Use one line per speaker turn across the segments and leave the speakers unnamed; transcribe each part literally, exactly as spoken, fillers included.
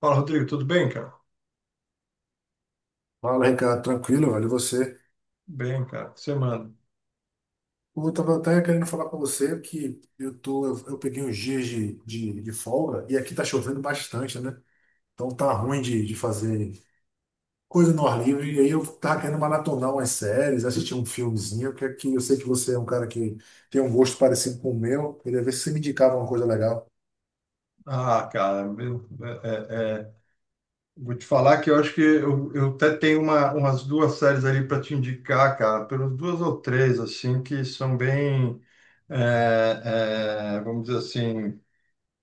Fala, Rodrigo, tudo bem, cara?
Fala, Ricardo, tranquilo, velho. E você?
Bem, cara, o que você manda?
Eu tava até querendo falar com você que eu tô, eu, eu peguei uns dias de, de, de folga e aqui tá chovendo bastante, né? Então tá ruim de, de fazer coisa no ar livre. E aí eu tava querendo maratonar umas séries, assistir um filmezinho, que aqui eu sei que você é um cara que tem um gosto parecido com o meu. Queria ver se você me indicava uma coisa legal.
Ah, cara, eu- é- é- é, vou te falar que eu acho que eu, eu até tenho uma, umas duas séries ali para te indicar, cara, pelas duas ou três, assim, que são bem, é, é, vamos dizer assim,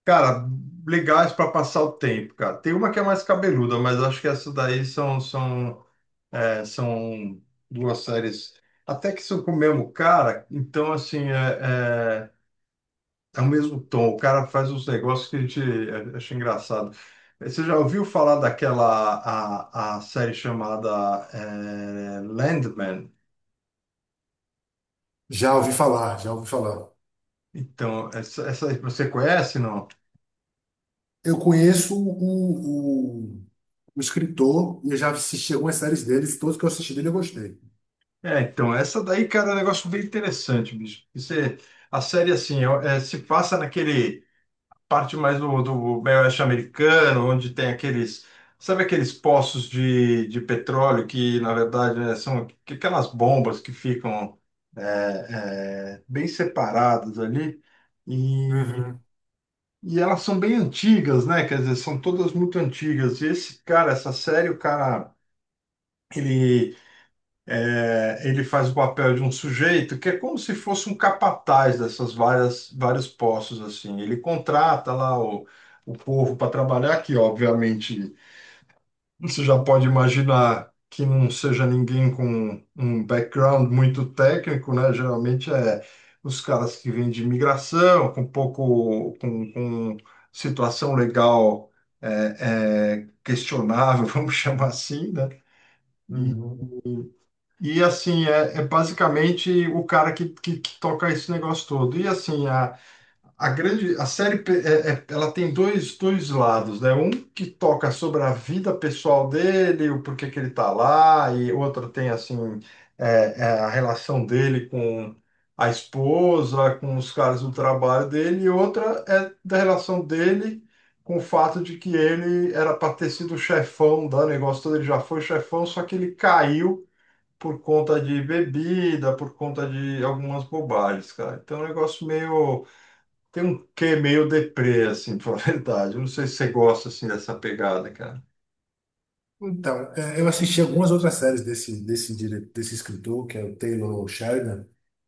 cara, legais para passar o tempo, cara. Tem uma que é mais cabeluda, mas acho que essas daí são, são, é, são duas séries até que são com o mesmo cara, então, assim, é... é, é o mesmo tom, o cara faz uns negócios que a gente eh, acha engraçado. Eh, Você já ouviu falar daquela a, a série chamada eh, Landman?
Já ouvi falar, já ouvi falar.
Então, essa, essa aí você conhece, não?
Eu conheço o, o, o escritor e eu já assisti algumas séries dele, e todos que eu assisti dele eu gostei.
É, então, essa daí, cara, é um negócio bem interessante, bicho. Porque Você, a série, assim, ó, eh, se passa naquele parte mais do, do meio oeste americano, onde tem aqueles, sabe aqueles poços de, de petróleo que, na verdade, né, são aquelas bombas que ficam é, é, bem separadas ali e,
Uhum,
e elas são bem antigas, né? Quer dizer, são todas muito antigas. E esse cara, essa série, o cara, ele é, ele faz o papel de um sujeito que é como se fosse um capataz dessas várias vários postos assim. Ele contrata lá o, o povo para trabalhar, que obviamente você já pode imaginar que não seja ninguém com um background muito técnico, né? Geralmente é os caras que vêm de imigração, com pouco com, com situação legal é, é, questionável, vamos chamar assim, né? E
uhum.
e assim, é, é basicamente o cara que, que, que toca esse negócio todo. E assim, a, a grande, a série, pe- é- é- ela tem dois, dois lados, né? Um que toca sobre a vida pessoal dele, o porquê que ele tá lá, e outro tem, assim, é, é, a relação dele com a esposa, com os caras do trabalho dele, e outra é da relação dele com o fato de que ele era para ter sido chefão do negócio todo, ele já foi chefão, só que ele caiu por conta de bebida, por conta de algumas bobagens, cara. Então é um negócio meio. Tem um quê meio deprê, assim, pra falar a verdade. Eu não sei se você gosta, assim, dessa pegada, cara.
Então, é, eu assisti algumas outras séries desse, desse, dire- desse escritor, que é o Taylor Sheridan,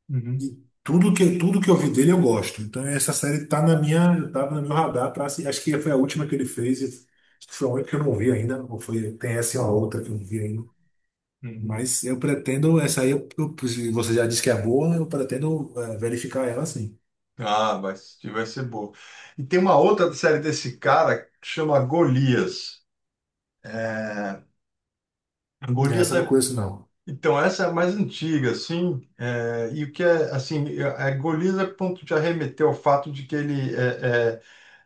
Uhum,
e tudo que, tudo que eu vi dele eu gosto. Então, essa série tá na minha, tava no meu radar para acho que foi a última que ele fez, e acho que foi a única que eu não vi ainda, ou foi, tem essa e uma outra que eu não vi ainda.
uhum.
Mas eu pretendo, essa aí, eu, eu- se você já disse que é boa, eu pretendo é, verificar ela sim.
Ah, vai, assistir, vai ser boa. E tem uma outra série desse cara que chama Golias. É, Golias
Essa eu não
é.
conheço, não.
Então, essa é a mais antiga, assim. é, E o que é, assim, é, é, Golias é ponto de arremeter ao fato de que ele é, é,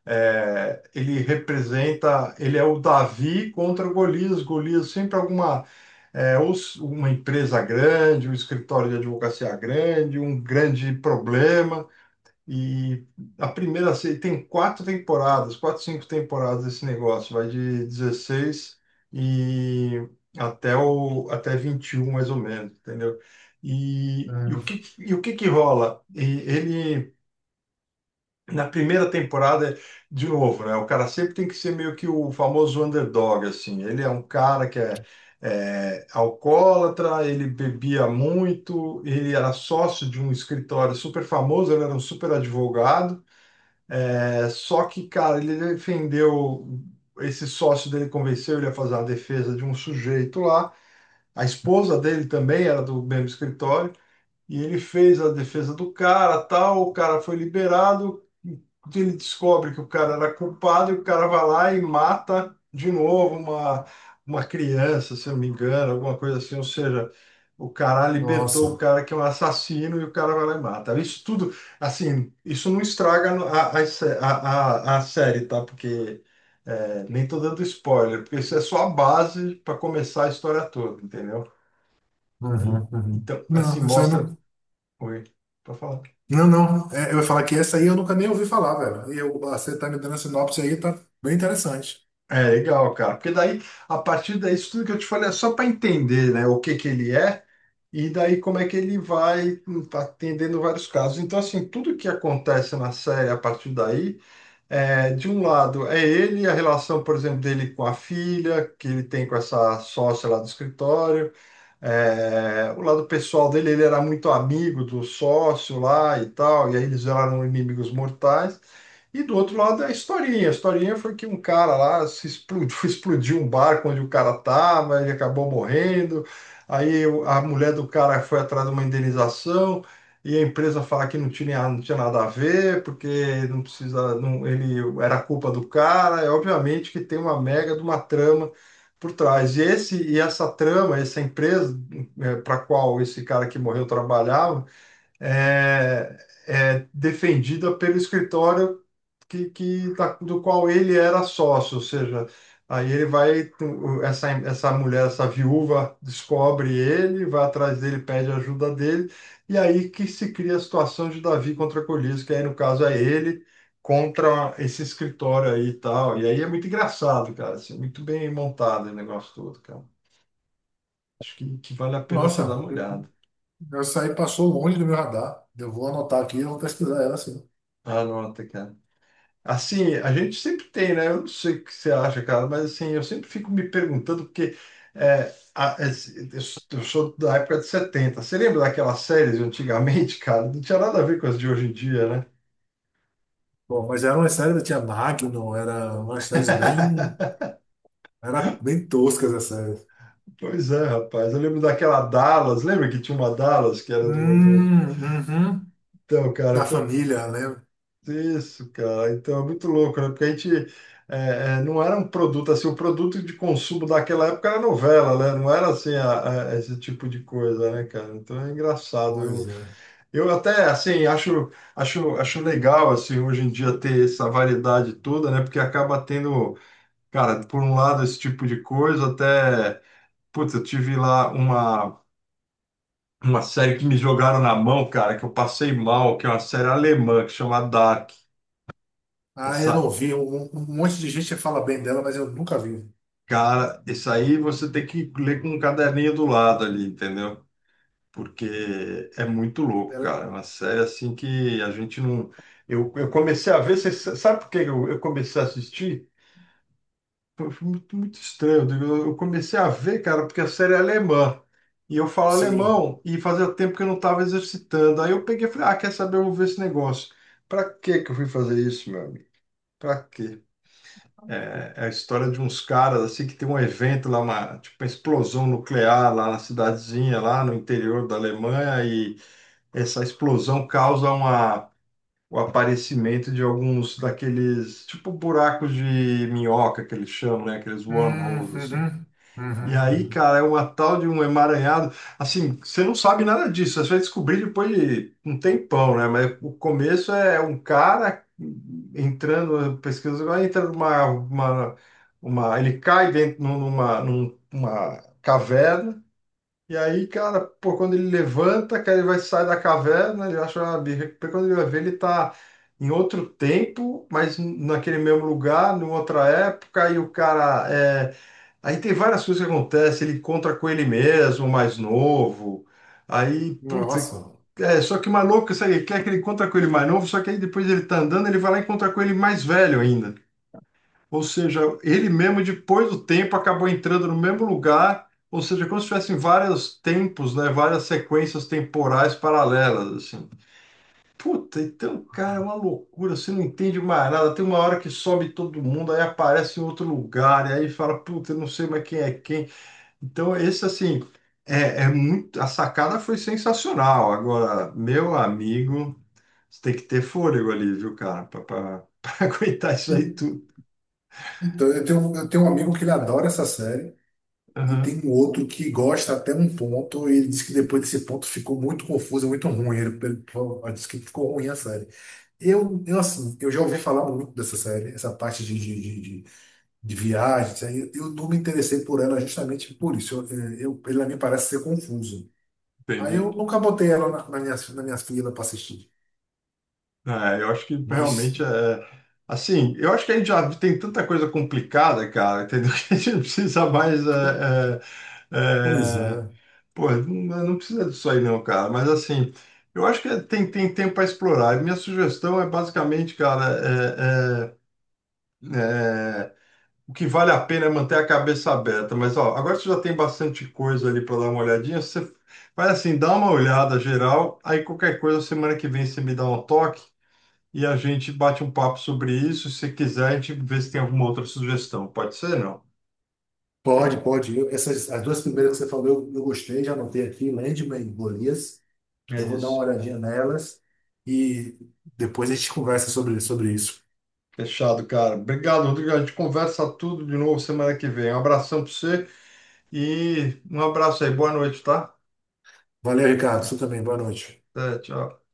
é, ele representa, ele é o Davi contra o Golias. Golias sempre alguma, é, ou s- uma empresa grande, um escritório de advocacia grande, um grande problema. E a primeira se- tem quatro temporadas, quatro, cinco temporadas esse negócio, vai de dezesseis e até o até vinte e um mais ou menos, entendeu? E, e o
Hum,
que e o que que rola? E ele na primeira temporada, de novo, né? O cara sempre tem que ser meio que o famoso underdog, assim. Ele é um cara que é, é, alcoólatra, ele bebia muito, ele era sócio de um escritório super famoso, ele era um super advogado. É, só que, cara, ele defendeu, esse sócio dele convenceu ele a fazer a defesa de um sujeito lá. A esposa dele também era do mesmo escritório. E ele fez a defesa do cara, tal, o cara foi liberado, ele descobre que o cara era culpado e o cara vai lá e mata de novo uma, uma criança, se eu não me engano, alguma coisa assim, ou seja, o cara
nossa.
libertou o cara que é um assassino e o cara vai lá e mata. Isso tudo, assim, isso não estraga a, a, a, a a série, tá? Porque é, nem tô dando spoiler, porque isso é só a base para começar a história toda, entendeu? E,
Uhum, uhum.
então, assim,
Não, essa aí
mostra
não.
Oi, para falar.
Não, não. É, eu ia falar que essa aí eu nunca nem ouvi falar, velho. E eu, você tá me dando a sinopse aí, tá bem interessante.
É legal, cara, porque daí, a partir daí, isso tudo que eu te falei é só para entender, né, o que que ele é e daí como é que ele vai hum, atendendo vários casos. Então, assim, tudo que acontece na série a partir daí. É, de um lado é ele, a relação, por exemplo, dele com a filha, que ele tem com essa sócia lá do escritório. É, o lado pessoal dele, ele era muito amigo do sócio lá e tal, e aí eles viraram inimigos mortais. E do outro lado é a historinha. A historinha foi que um cara lá se explodiu, explodiu um barco onde o cara estava, ele acabou morrendo. Aí o- a mulher do cara foi atrás de uma indenização, e a empresa fala que não tinha, não tinha nada a ver, porque não precisa, não, ele era culpa do cara. É obviamente que tem uma mega de uma trama por trás. E esse e essa trama, essa empresa para qual esse cara que morreu trabalhava, é, é defendida pelo escritório que, que da- do qual ele era sócio, ou seja, aí ele vai, essa, essa mulher, essa viúva, descobre ele, vai atrás dele, pede ajuda dele, e aí que se cria a situação de Davi contra Golias, que aí no caso é ele contra esse escritório aí e tal. E aí é muito engraçado, cara, assim, muito bem montado o negócio todo, cara. Acho que, que vale a pena você dar
Nossa,
uma olhada.
essa aí passou longe do meu radar. Eu vou anotar aqui e vou pesquisar ela, sim.
Anota, cara. Assim, a gente sempre tem, né? Eu não sei o que você acha, cara, mas assim, eu sempre fico me perguntando, porque é, a- es- eu eu sou da época de setenta. Você lembra daquelas séries de antigamente, cara? Não tinha nada a ver com as de hoje em dia, né?
Bom, mas era uma série, tinha Magnum, era umas séries bem. Era bem toscas as séries.
Pois é, rapaz. Eu lembro daquela Dallas, lembra que tinha uma Dallas que era do... do...
Hum, uhum.
Então,
Da
cara,
família, né?
isso, cara. Então é muito louco, né? Porque a gente é, é, não era um produto assim, o produto de consumo daquela época era novela, né? Não era assim a- a- esse tipo de coisa, né, cara? Então é engraçado. Eu,
Pois é.
eu até assim acho, acho, acho legal assim hoje em dia ter essa variedade toda, né? Porque acaba tendo, cara, por um lado esse tipo de coisa, até, putz, eu tive lá uma uma série que me jogaram na mão, cara, que eu passei mal, que é uma série alemã que chama Dark.
Ah, eu não vi. Um, um um monte de gente fala bem dela, mas eu nunca vi.
Cara, isso aí você tem que ler com um caderninho do lado ali, entendeu? Porque é muito louco,
Ela,
cara. É uma série assim que a gente não. Eu, eu comecei a ver, você sa- sabe por que eu, eu comecei a assistir? Foi foi muito, muito estranho. Eu, eu comecei a ver, cara, porque a série é alemã. E eu falo
sim.
alemão e fazia tempo que eu não estava exercitando. Aí eu peguei e falei, ah, quer saber? Eu vou ver esse negócio. Pra que que eu fui fazer isso, meu amigo? Pra quê? É é a história de uns caras assim que tem um evento lá, uma, tipo uma explosão nuclear lá na cidadezinha, lá no interior da Alemanha, e essa explosão causa uma, o aparecimento de alguns daqueles, tipo buracos de minhoca que eles chamam, né? Aqueles
Hum,
wormholes, assim.
uhum,
E
uhum,
aí,
uhum.
cara, é uma tal de um emaranhado. Assim, você não sabe nada disso. Você vai descobrir depois de um tempão, né? Mas o começo é um cara entrando, pesquisa, vai entra numa, uma, uma, ele cai dentro numa, numa caverna. E aí, cara, pô, quando ele levanta, cara, ele vai sair da caverna, ele acha uma birra. Porque quando ele vai ver, ele tá em outro tempo, mas naquele mesmo lugar, numa outra época, e o cara é. Aí tem várias coisas que acontecem, ele encontra com ele mesmo, mais novo. Aí, putz,
Nossa.
é, só que o maluco, sabe, quer que ele encontra com ele mais novo, só que aí depois ele tá andando, ele vai lá e encontra com ele mais velho ainda. Ou seja, ele mesmo, depois do tempo, acabou entrando no mesmo lugar, ou seja, é como se tivessem vários tempos, né, várias sequências temporais paralelas, assim. Puta, então, cara, é uma loucura, você não entende mais nada. Tem uma hora que sobe todo mundo, aí aparece em outro lugar, e aí fala, puta, eu não sei mais quem é quem. Então, esse assim, é, é muito. A sacada foi sensacional. Agora, meu amigo, você tem que ter fôlego ali, viu, cara, para aguentar isso aí tudo.
Então, eu tenho, eu tenho um amigo que ele adora essa série e
Aham,
tem um outro que gosta até um ponto e ele disse que depois desse ponto ficou muito confuso, muito ruim. Ele, ele falou: "Ah, disse que ficou ruim a série." Eu, eu, assim, eu já ouvi falar muito dessa série, essa parte de, de, de, de- de viagem, isso aí. Eu não me interessei por ela justamente por isso. Eu, eh, eu, ela me parece ser confuso. Aí eu
entendi.
nunca botei ela na, na minha, na minha fila para assistir.
É, eu acho que
Mas,
realmente é. Assim, eu acho que a gente já tem tanta coisa complicada, cara, entendeu? Que a gente não precisa mais. É, é,
pois
é,
é.
pô, não, não precisa disso aí, não, cara. Mas assim, eu acho que tem, tem tempo para explorar. E minha sugestão é basicamente, cara, é... é, o que vale a pena é manter a cabeça aberta, mas ó, agora você já tem bastante coisa ali para dar uma olhadinha. Você vai assim, dá uma olhada geral, aí qualquer coisa, semana que vem você me dá um toque e a gente bate um papo sobre isso. Se quiser, a gente vê se tem alguma outra sugestão. Pode ser, não?
Pode, pode. Eu- essas, as duas primeiras que você falou, eu, eu gostei, já anotei aqui, Landman e Golias.
É
Eu vou dar uma
isso.
olhadinha nelas e depois a gente conversa sobre, sobre isso.
Fechado, cara. Obrigado, Rodrigo. A gente conversa tudo de novo semana que vem. Um abração para você e um abraço aí. Boa noite, tá?
Valeu, Ricardo. Você também. Boa noite.
Até, tchau.